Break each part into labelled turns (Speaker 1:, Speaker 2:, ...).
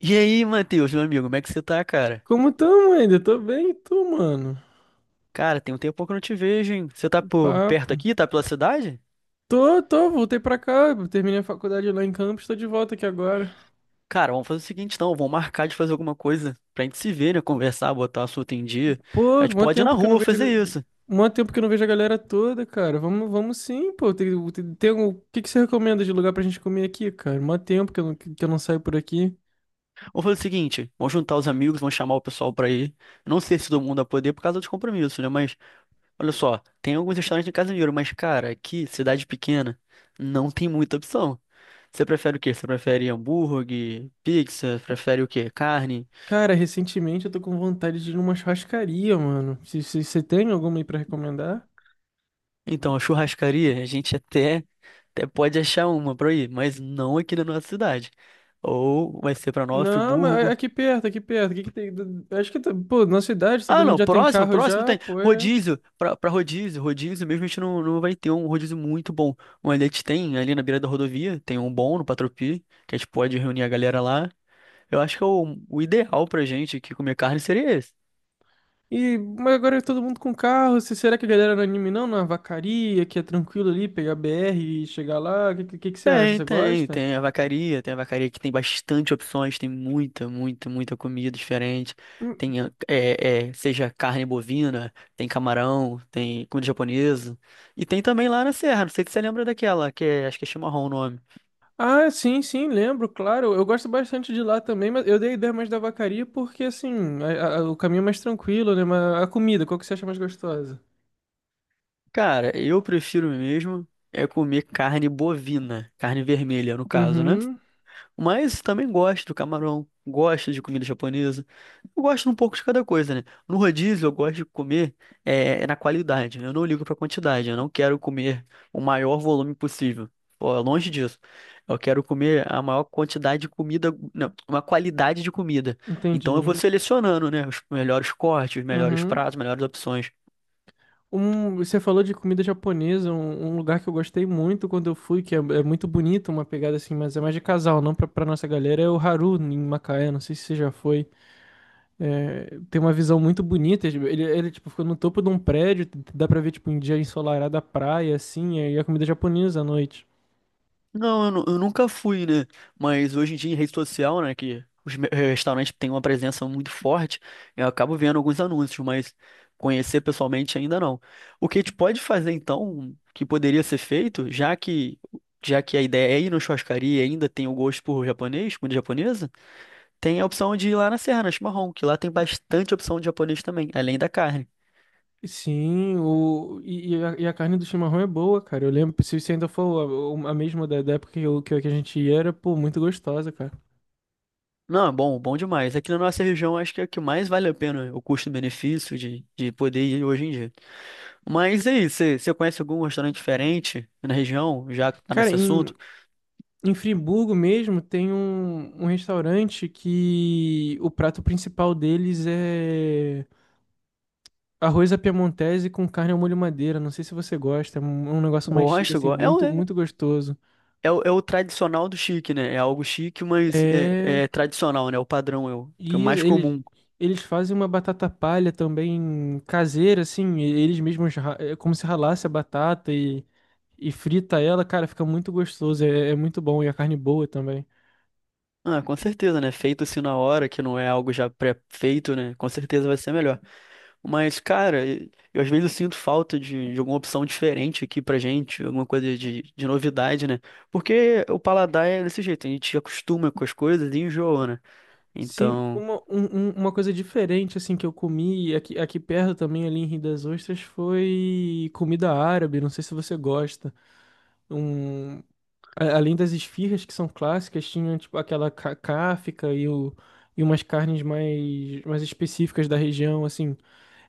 Speaker 1: E aí, Matheus, meu amigo, como é que você tá, cara?
Speaker 2: Como tamo ainda? Tô bem, mano.
Speaker 1: Cara, tem um tempo que eu não te vejo, hein? Você tá por perto
Speaker 2: Papo.
Speaker 1: aqui? Tá pela cidade?
Speaker 2: Tô, voltei pra cá. Terminei a faculdade lá em Campos, tô de volta aqui agora.
Speaker 1: Cara, vamos fazer o seguinte, então, vamos marcar de fazer alguma coisa pra gente se ver, né? Conversar, botar o assunto em dia. A
Speaker 2: Pô,
Speaker 1: gente
Speaker 2: mó
Speaker 1: pode ir na
Speaker 2: tempo que eu não
Speaker 1: rua
Speaker 2: vejo.
Speaker 1: fazer isso.
Speaker 2: Mó tempo que eu não vejo a galera toda, cara. Vamos sim, pô. Tem, o que que você recomenda de lugar pra gente comer aqui, cara? Mó tempo que eu não saio por aqui.
Speaker 1: Vamos fazer o seguinte, vamos juntar os amigos, vamos chamar o pessoal pra ir. Não sei se todo mundo vai poder por causa dos compromissos, né? Mas, olha só, tem alguns restaurantes em Casimiro, mas, cara, aqui, cidade pequena, não tem muita opção. Você prefere o quê? Você prefere hambúrguer, pizza? Prefere o quê? Carne?
Speaker 2: Cara, recentemente eu tô com vontade de ir numa churrascaria, mano. Você tem alguma aí pra recomendar?
Speaker 1: Então, a churrascaria, a gente até pode achar uma pra ir, mas não aqui na nossa cidade. Ou vai ser pra Nova
Speaker 2: Não, mas
Speaker 1: Friburgo.
Speaker 2: aqui perto, aqui perto. O que que tem? Acho que, pô, na cidade todo
Speaker 1: Ah,
Speaker 2: mundo
Speaker 1: não,
Speaker 2: já tem carro
Speaker 1: próximo
Speaker 2: já,
Speaker 1: tem.
Speaker 2: pô. É.
Speaker 1: Rodízio, pra rodízio, rodízio mesmo a gente não vai ter um rodízio muito bom. Mas a gente tem ali na beira da rodovia, tem um bom no Patropi, que a gente pode reunir a galera lá. Eu acho que é o ideal pra gente aqui comer carne seria esse.
Speaker 2: E mas agora é todo mundo com carro. Será que a galera não é anime não? Na vacaria, que é tranquilo ali, pegar BR e chegar lá? O que, que você acha? Você gosta?
Speaker 1: Tem a vacaria, tem a vacaria que tem bastante opções, tem muita, muita, muita comida diferente.
Speaker 2: Hum.
Speaker 1: Tem, ah, é, seja carne bovina, tem camarão, tem comida japonesa. E tem também lá na Serra, não sei se você lembra daquela, que é, acho que é chimarrão o nome.
Speaker 2: Ah, sim, sim, lembro, claro. Eu gosto bastante de lá também, mas eu dei a ideia mais da vacaria porque, assim, o caminho é mais tranquilo, né? Mas a comida, qual que você acha mais gostosa?
Speaker 1: Cara, eu prefiro mesmo é comer carne bovina, carne vermelha no caso, né?
Speaker 2: Uhum.
Speaker 1: Mas também gosto do camarão, gosto de comida japonesa. Eu gosto um pouco de cada coisa, né? No rodízio, eu gosto de comer é na qualidade, né? Eu não ligo pra quantidade. Eu não quero comer o maior volume possível. Pô, é longe disso. Eu quero comer a maior quantidade de comida, não, uma qualidade de comida. Então eu vou
Speaker 2: Entendi.
Speaker 1: selecionando, né? Os melhores cortes, os melhores
Speaker 2: Uhum.
Speaker 1: pratos, melhores opções.
Speaker 2: Você falou de comida japonesa, um lugar que eu gostei muito quando eu fui, é muito bonito, uma pegada assim, mas é mais de casal, não pra nossa galera, é o Haru em Macaé, não sei se você já foi. É, tem uma visão muito bonita, ele tipo, fica no topo de um prédio, dá pra ver tipo um dia ensolarado a praia, assim, e a comida japonesa à noite.
Speaker 1: Não, eu nunca fui, né? Mas hoje em dia em rede social, né, que os restaurantes têm uma presença muito forte, eu acabo vendo alguns anúncios, mas conhecer pessoalmente ainda não. O que a gente pode fazer então, que poderia ser feito, já que a ideia é ir na churrascaria e ainda tem o gosto por japonês, comida japonesa, tem a opção de ir lá na Serra, na Chimarrão, que lá tem bastante opção de japonês também, além da carne.
Speaker 2: Sim, o, e a carne do chimarrão é boa, cara. Eu lembro, se ainda for a mesma da época que, que a gente ia, era, pô, muito gostosa, cara.
Speaker 1: Não, é bom, bom demais. Aqui na nossa região, acho que é o que mais vale a pena o custo-benefício de poder ir hoje em dia. Mas e aí, você conhece algum restaurante diferente na região, já que tá
Speaker 2: Cara,
Speaker 1: nesse
Speaker 2: em,
Speaker 1: assunto?
Speaker 2: em Friburgo mesmo tem um restaurante que o prato principal deles é arroz à piemontese com carne ao molho madeira. Não sei se você gosta, é um negócio mais chique,
Speaker 1: Gosto,
Speaker 2: assim,
Speaker 1: gosto.
Speaker 2: muito, muito gostoso.
Speaker 1: É o tradicional do chique, né? É algo chique, mas
Speaker 2: É.
Speaker 1: é tradicional, né? É o padrão que é o
Speaker 2: E isso,
Speaker 1: mais
Speaker 2: eles,
Speaker 1: comum.
Speaker 2: eles fazem uma batata palha também caseira, assim, eles mesmos, é como se ralasse a batata e frita ela, cara, fica muito gostoso, é, é muito bom e a carne boa também.
Speaker 1: Ah, com certeza, né? Feito assim na hora, que não é algo já pré-feito, né? Com certeza vai ser melhor. Mas, cara, eu às vezes sinto falta de alguma opção diferente aqui pra gente, alguma coisa de novidade, né? Porque o paladar é desse jeito, a gente acostuma com as coisas e enjoa, né?
Speaker 2: Sim,
Speaker 1: Então.
Speaker 2: uma coisa diferente assim que eu comi aqui, aqui perto também, ali em Rio das Ostras, foi comida árabe, não sei se você gosta. Um, além das esfirras que são clássicas, tinha tipo aquela cáfica e, o, e umas carnes mais, mais específicas da região, assim.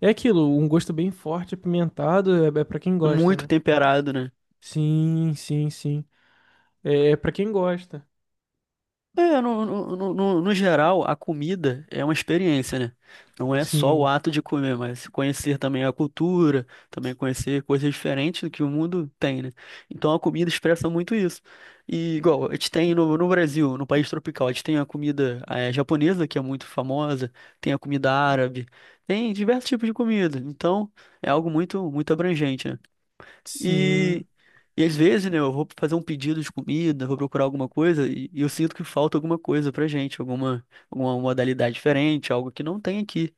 Speaker 2: É aquilo, um gosto bem forte, apimentado, é, é para quem gosta,
Speaker 1: Muito
Speaker 2: né?
Speaker 1: temperado, né?
Speaker 2: Sim, sim, sim. É, é para quem gosta.
Speaker 1: É, no geral, a comida é uma experiência, né? Não é só o
Speaker 2: Sim,
Speaker 1: ato de comer, mas conhecer também a cultura, também conhecer coisas diferentes do que o mundo tem, né? Então a comida expressa muito isso. E igual, a gente tem no Brasil, no país tropical, a gente tem a comida japonesa, que é muito famosa, tem a comida árabe, tem diversos tipos de comida. Então é algo muito, muito abrangente, né? E
Speaker 2: sim.
Speaker 1: E às vezes, né, eu vou fazer um pedido de comida, vou procurar alguma coisa e eu sinto que falta alguma coisa pra gente, alguma modalidade diferente, algo que não tem aqui.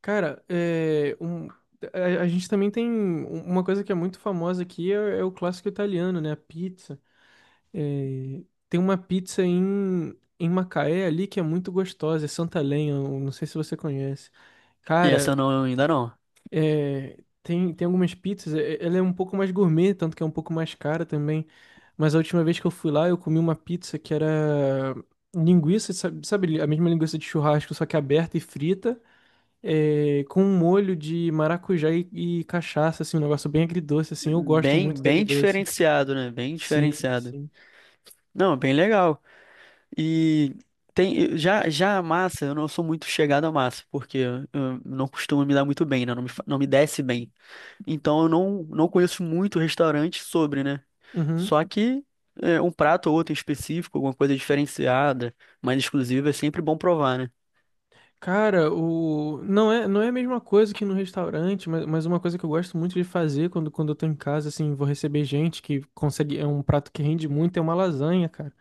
Speaker 2: Cara, é, a gente também tem uma coisa que é muito famosa aqui, é, é o clássico italiano, né? A pizza. É, tem uma pizza em, em Macaé ali que é muito gostosa, é Santa Lenha, eu não sei se você conhece.
Speaker 1: E
Speaker 2: Cara,
Speaker 1: essa não, ainda não.
Speaker 2: é, tem algumas pizzas, ela é um pouco mais gourmet, tanto que é um pouco mais cara também. Mas a última vez que eu fui lá, eu comi uma pizza que era linguiça, sabe, sabe a mesma linguiça de churrasco, só que aberta e frita é, com um molho de maracujá e cachaça, assim, um negócio bem agridoce, assim. Eu gosto
Speaker 1: Bem,
Speaker 2: muito do
Speaker 1: bem
Speaker 2: agridoce.
Speaker 1: diferenciado, né? Bem
Speaker 2: Sim,
Speaker 1: diferenciado.
Speaker 2: sim.
Speaker 1: Não, bem legal. E tem, já a massa, eu não sou muito chegado à massa, porque eu não costumo me dar muito bem, né? Não me desce bem. Então eu não conheço muito restaurante sobre, né?
Speaker 2: Uhum.
Speaker 1: Só que é, um prato ou outro em específico, alguma coisa diferenciada, mais exclusiva, é sempre bom provar, né?
Speaker 2: Cara, o... Não é, não é a mesma coisa que no restaurante, mas uma coisa que eu gosto muito de fazer quando eu tô em casa, assim, vou receber gente que consegue. É um prato que rende muito, é uma lasanha, cara.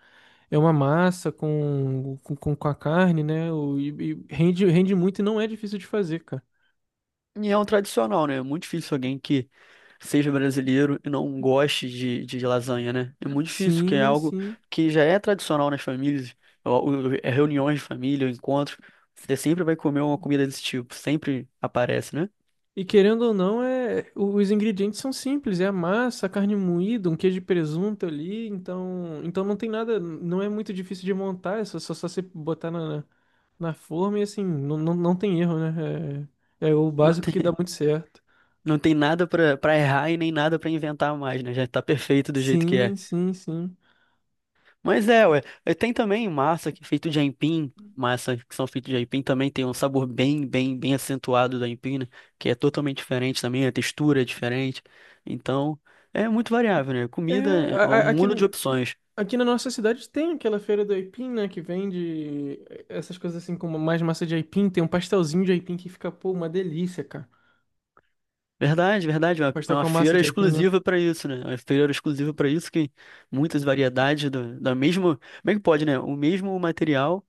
Speaker 2: É uma massa com a carne, né? E rende, rende muito e não é difícil de fazer, cara.
Speaker 1: E é um tradicional, né? É muito difícil alguém que seja brasileiro e não goste de lasanha, né? É muito difícil, que é
Speaker 2: Sim,
Speaker 1: algo
Speaker 2: sim.
Speaker 1: que já é tradicional nas famílias, é reuniões de família, ou encontros. Você sempre vai comer uma comida desse tipo, sempre aparece, né?
Speaker 2: E querendo ou não, é, os ingredientes são simples, é a massa, a carne moída, um queijo de presunto ali, então, então não tem nada, não é muito difícil de montar, é só, você botar na, na forma e assim, não, tem erro, né? É, é o
Speaker 1: Não,
Speaker 2: básico que dá muito certo.
Speaker 1: não tem nada pra errar e nem nada pra inventar mais, né? Já tá perfeito do jeito que
Speaker 2: Sim,
Speaker 1: é.
Speaker 2: sim, sim.
Speaker 1: Mas é, ué. Tem também massa que é feito de aipim, massa que são feitos de aipim também tem um sabor bem, bem, bem acentuado do aipim, né? Que é totalmente diferente também, a textura é diferente. Então, é muito variável, né?
Speaker 2: É,
Speaker 1: Comida é um
Speaker 2: aqui,
Speaker 1: mundo de opções.
Speaker 2: aqui na nossa cidade tem aquela feira do aipim, né, que vende essas coisas assim, como mais massa de aipim, tem um pastelzinho de aipim que fica, pô, uma delícia, cara.
Speaker 1: Verdade, verdade. É
Speaker 2: Pastel
Speaker 1: uma
Speaker 2: com a massa
Speaker 1: feira
Speaker 2: de aipim, né?
Speaker 1: exclusiva para isso, né? É uma feira exclusiva para isso que muitas variedades do, da mesma, como é que pode, né?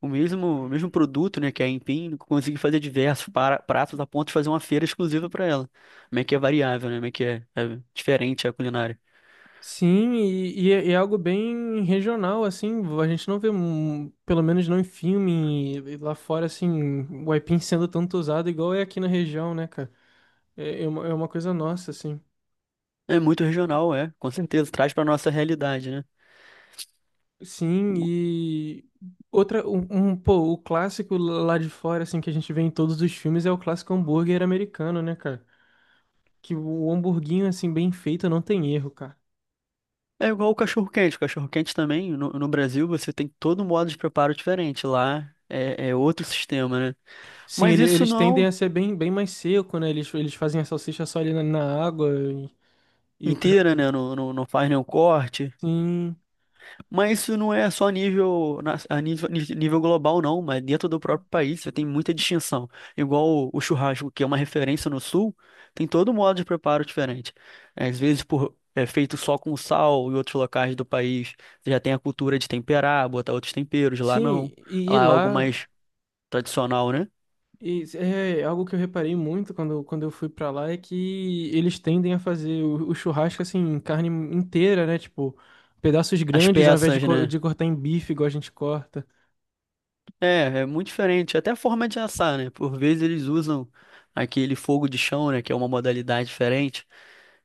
Speaker 1: O mesmo, o mesmo produto, né, que é a Empim, conseguir fazer diversos pratos a ponto de fazer uma feira exclusiva para ela. Como é que é variável, né? Como é que é, é diferente a culinária.
Speaker 2: Sim, e é é algo bem regional, assim, a gente não vê, pelo menos não em filme, e lá fora, assim, o aipim sendo tanto usado igual é aqui na região, né, cara? É, é uma coisa nossa, assim.
Speaker 1: É muito regional, é, com certeza, traz para nossa realidade, né?
Speaker 2: Sim, e outra, um, pô, o clássico lá de fora, assim, que a gente vê em todos os filmes é o clássico hambúrguer americano, né, cara? Que o hamburguinho, assim, bem feito não tem erro, cara.
Speaker 1: É igual o cachorro-quente. O cachorro-quente também, no Brasil, você tem todo um modo de preparo diferente. Lá é outro sistema, né?
Speaker 2: Sim,
Speaker 1: Mas isso
Speaker 2: eles tendem
Speaker 1: não
Speaker 2: a ser bem, bem mais seco, né? Eles fazem a salsicha só ali na, na água e... E o cachorro
Speaker 1: inteira, né? Não, não, não faz nenhum corte.
Speaker 2: sim,
Speaker 1: Mas isso não é só nível, nível global, não, mas dentro do próprio país você tem muita distinção. Igual o churrasco, que é uma referência no sul, tem todo modo de preparo diferente. É, às vezes por, é feito só com sal, em outros locais do país você já tem a cultura de temperar, botar outros temperos, lá não.
Speaker 2: sim, e
Speaker 1: Lá é algo
Speaker 2: lá
Speaker 1: mais tradicional, né?
Speaker 2: e é é algo que eu reparei muito quando eu fui pra lá é que eles tendem a fazer o churrasco assim, em carne inteira, né? Tipo, pedaços
Speaker 1: As
Speaker 2: grandes ao invés de,
Speaker 1: peças, né?
Speaker 2: de cortar em bife igual a gente corta.
Speaker 1: É, é muito diferente. Até a forma de assar, né? Por vezes eles usam aquele fogo de chão, né? Que é uma modalidade diferente.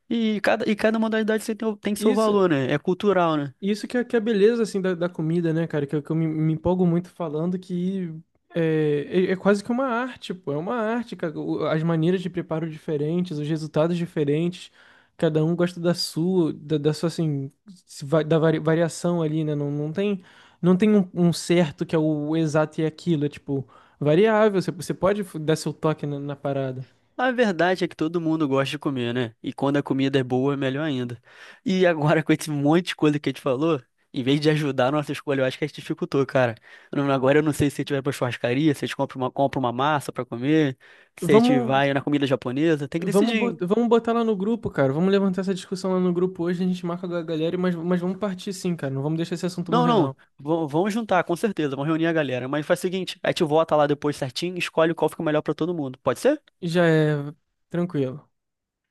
Speaker 1: E cada modalidade você tem, tem seu
Speaker 2: Isso,
Speaker 1: valor, né? É cultural, né?
Speaker 2: Isso que é a beleza, assim, da comida, né, cara? Que, que eu me empolgo muito falando que é, é, é quase que uma arte, pô. É uma arte, cara. As maneiras de preparo diferentes, os resultados diferentes. Cada um gosta da sua, da sua, assim, se va- da vari- variação ali, né? Não tem um, um certo que é o exato e é aquilo. É, tipo, variável. Você pode dar seu toque na na parada.
Speaker 1: A verdade é que todo mundo gosta de comer, né? E quando a comida é boa, é melhor ainda. E agora, com esse monte de coisa que a gente falou, em vez de ajudar a nossa escolha, eu acho que a gente dificultou, cara. Agora eu não sei se a gente vai pra churrascaria, se a gente compra uma massa pra comer, se a gente
Speaker 2: Vamos.
Speaker 1: vai na comida japonesa, tem que
Speaker 2: Vamos,
Speaker 1: decidir, hein?
Speaker 2: vamos botar lá no grupo, cara. Vamos levantar essa discussão lá no grupo hoje. A gente marca com a galera, mas vamos partir sim, cara. Não vamos deixar esse assunto
Speaker 1: Não,
Speaker 2: morrer, não.
Speaker 1: não. Vamos juntar, com certeza. Vamos reunir a galera. Mas faz o seguinte, a gente vota lá depois certinho, e escolhe qual fica melhor pra todo mundo. Pode ser?
Speaker 2: Já é tranquilo.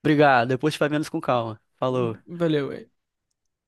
Speaker 1: Obrigado. Depois a gente vai vendo isso com calma. Falou.
Speaker 2: Valeu,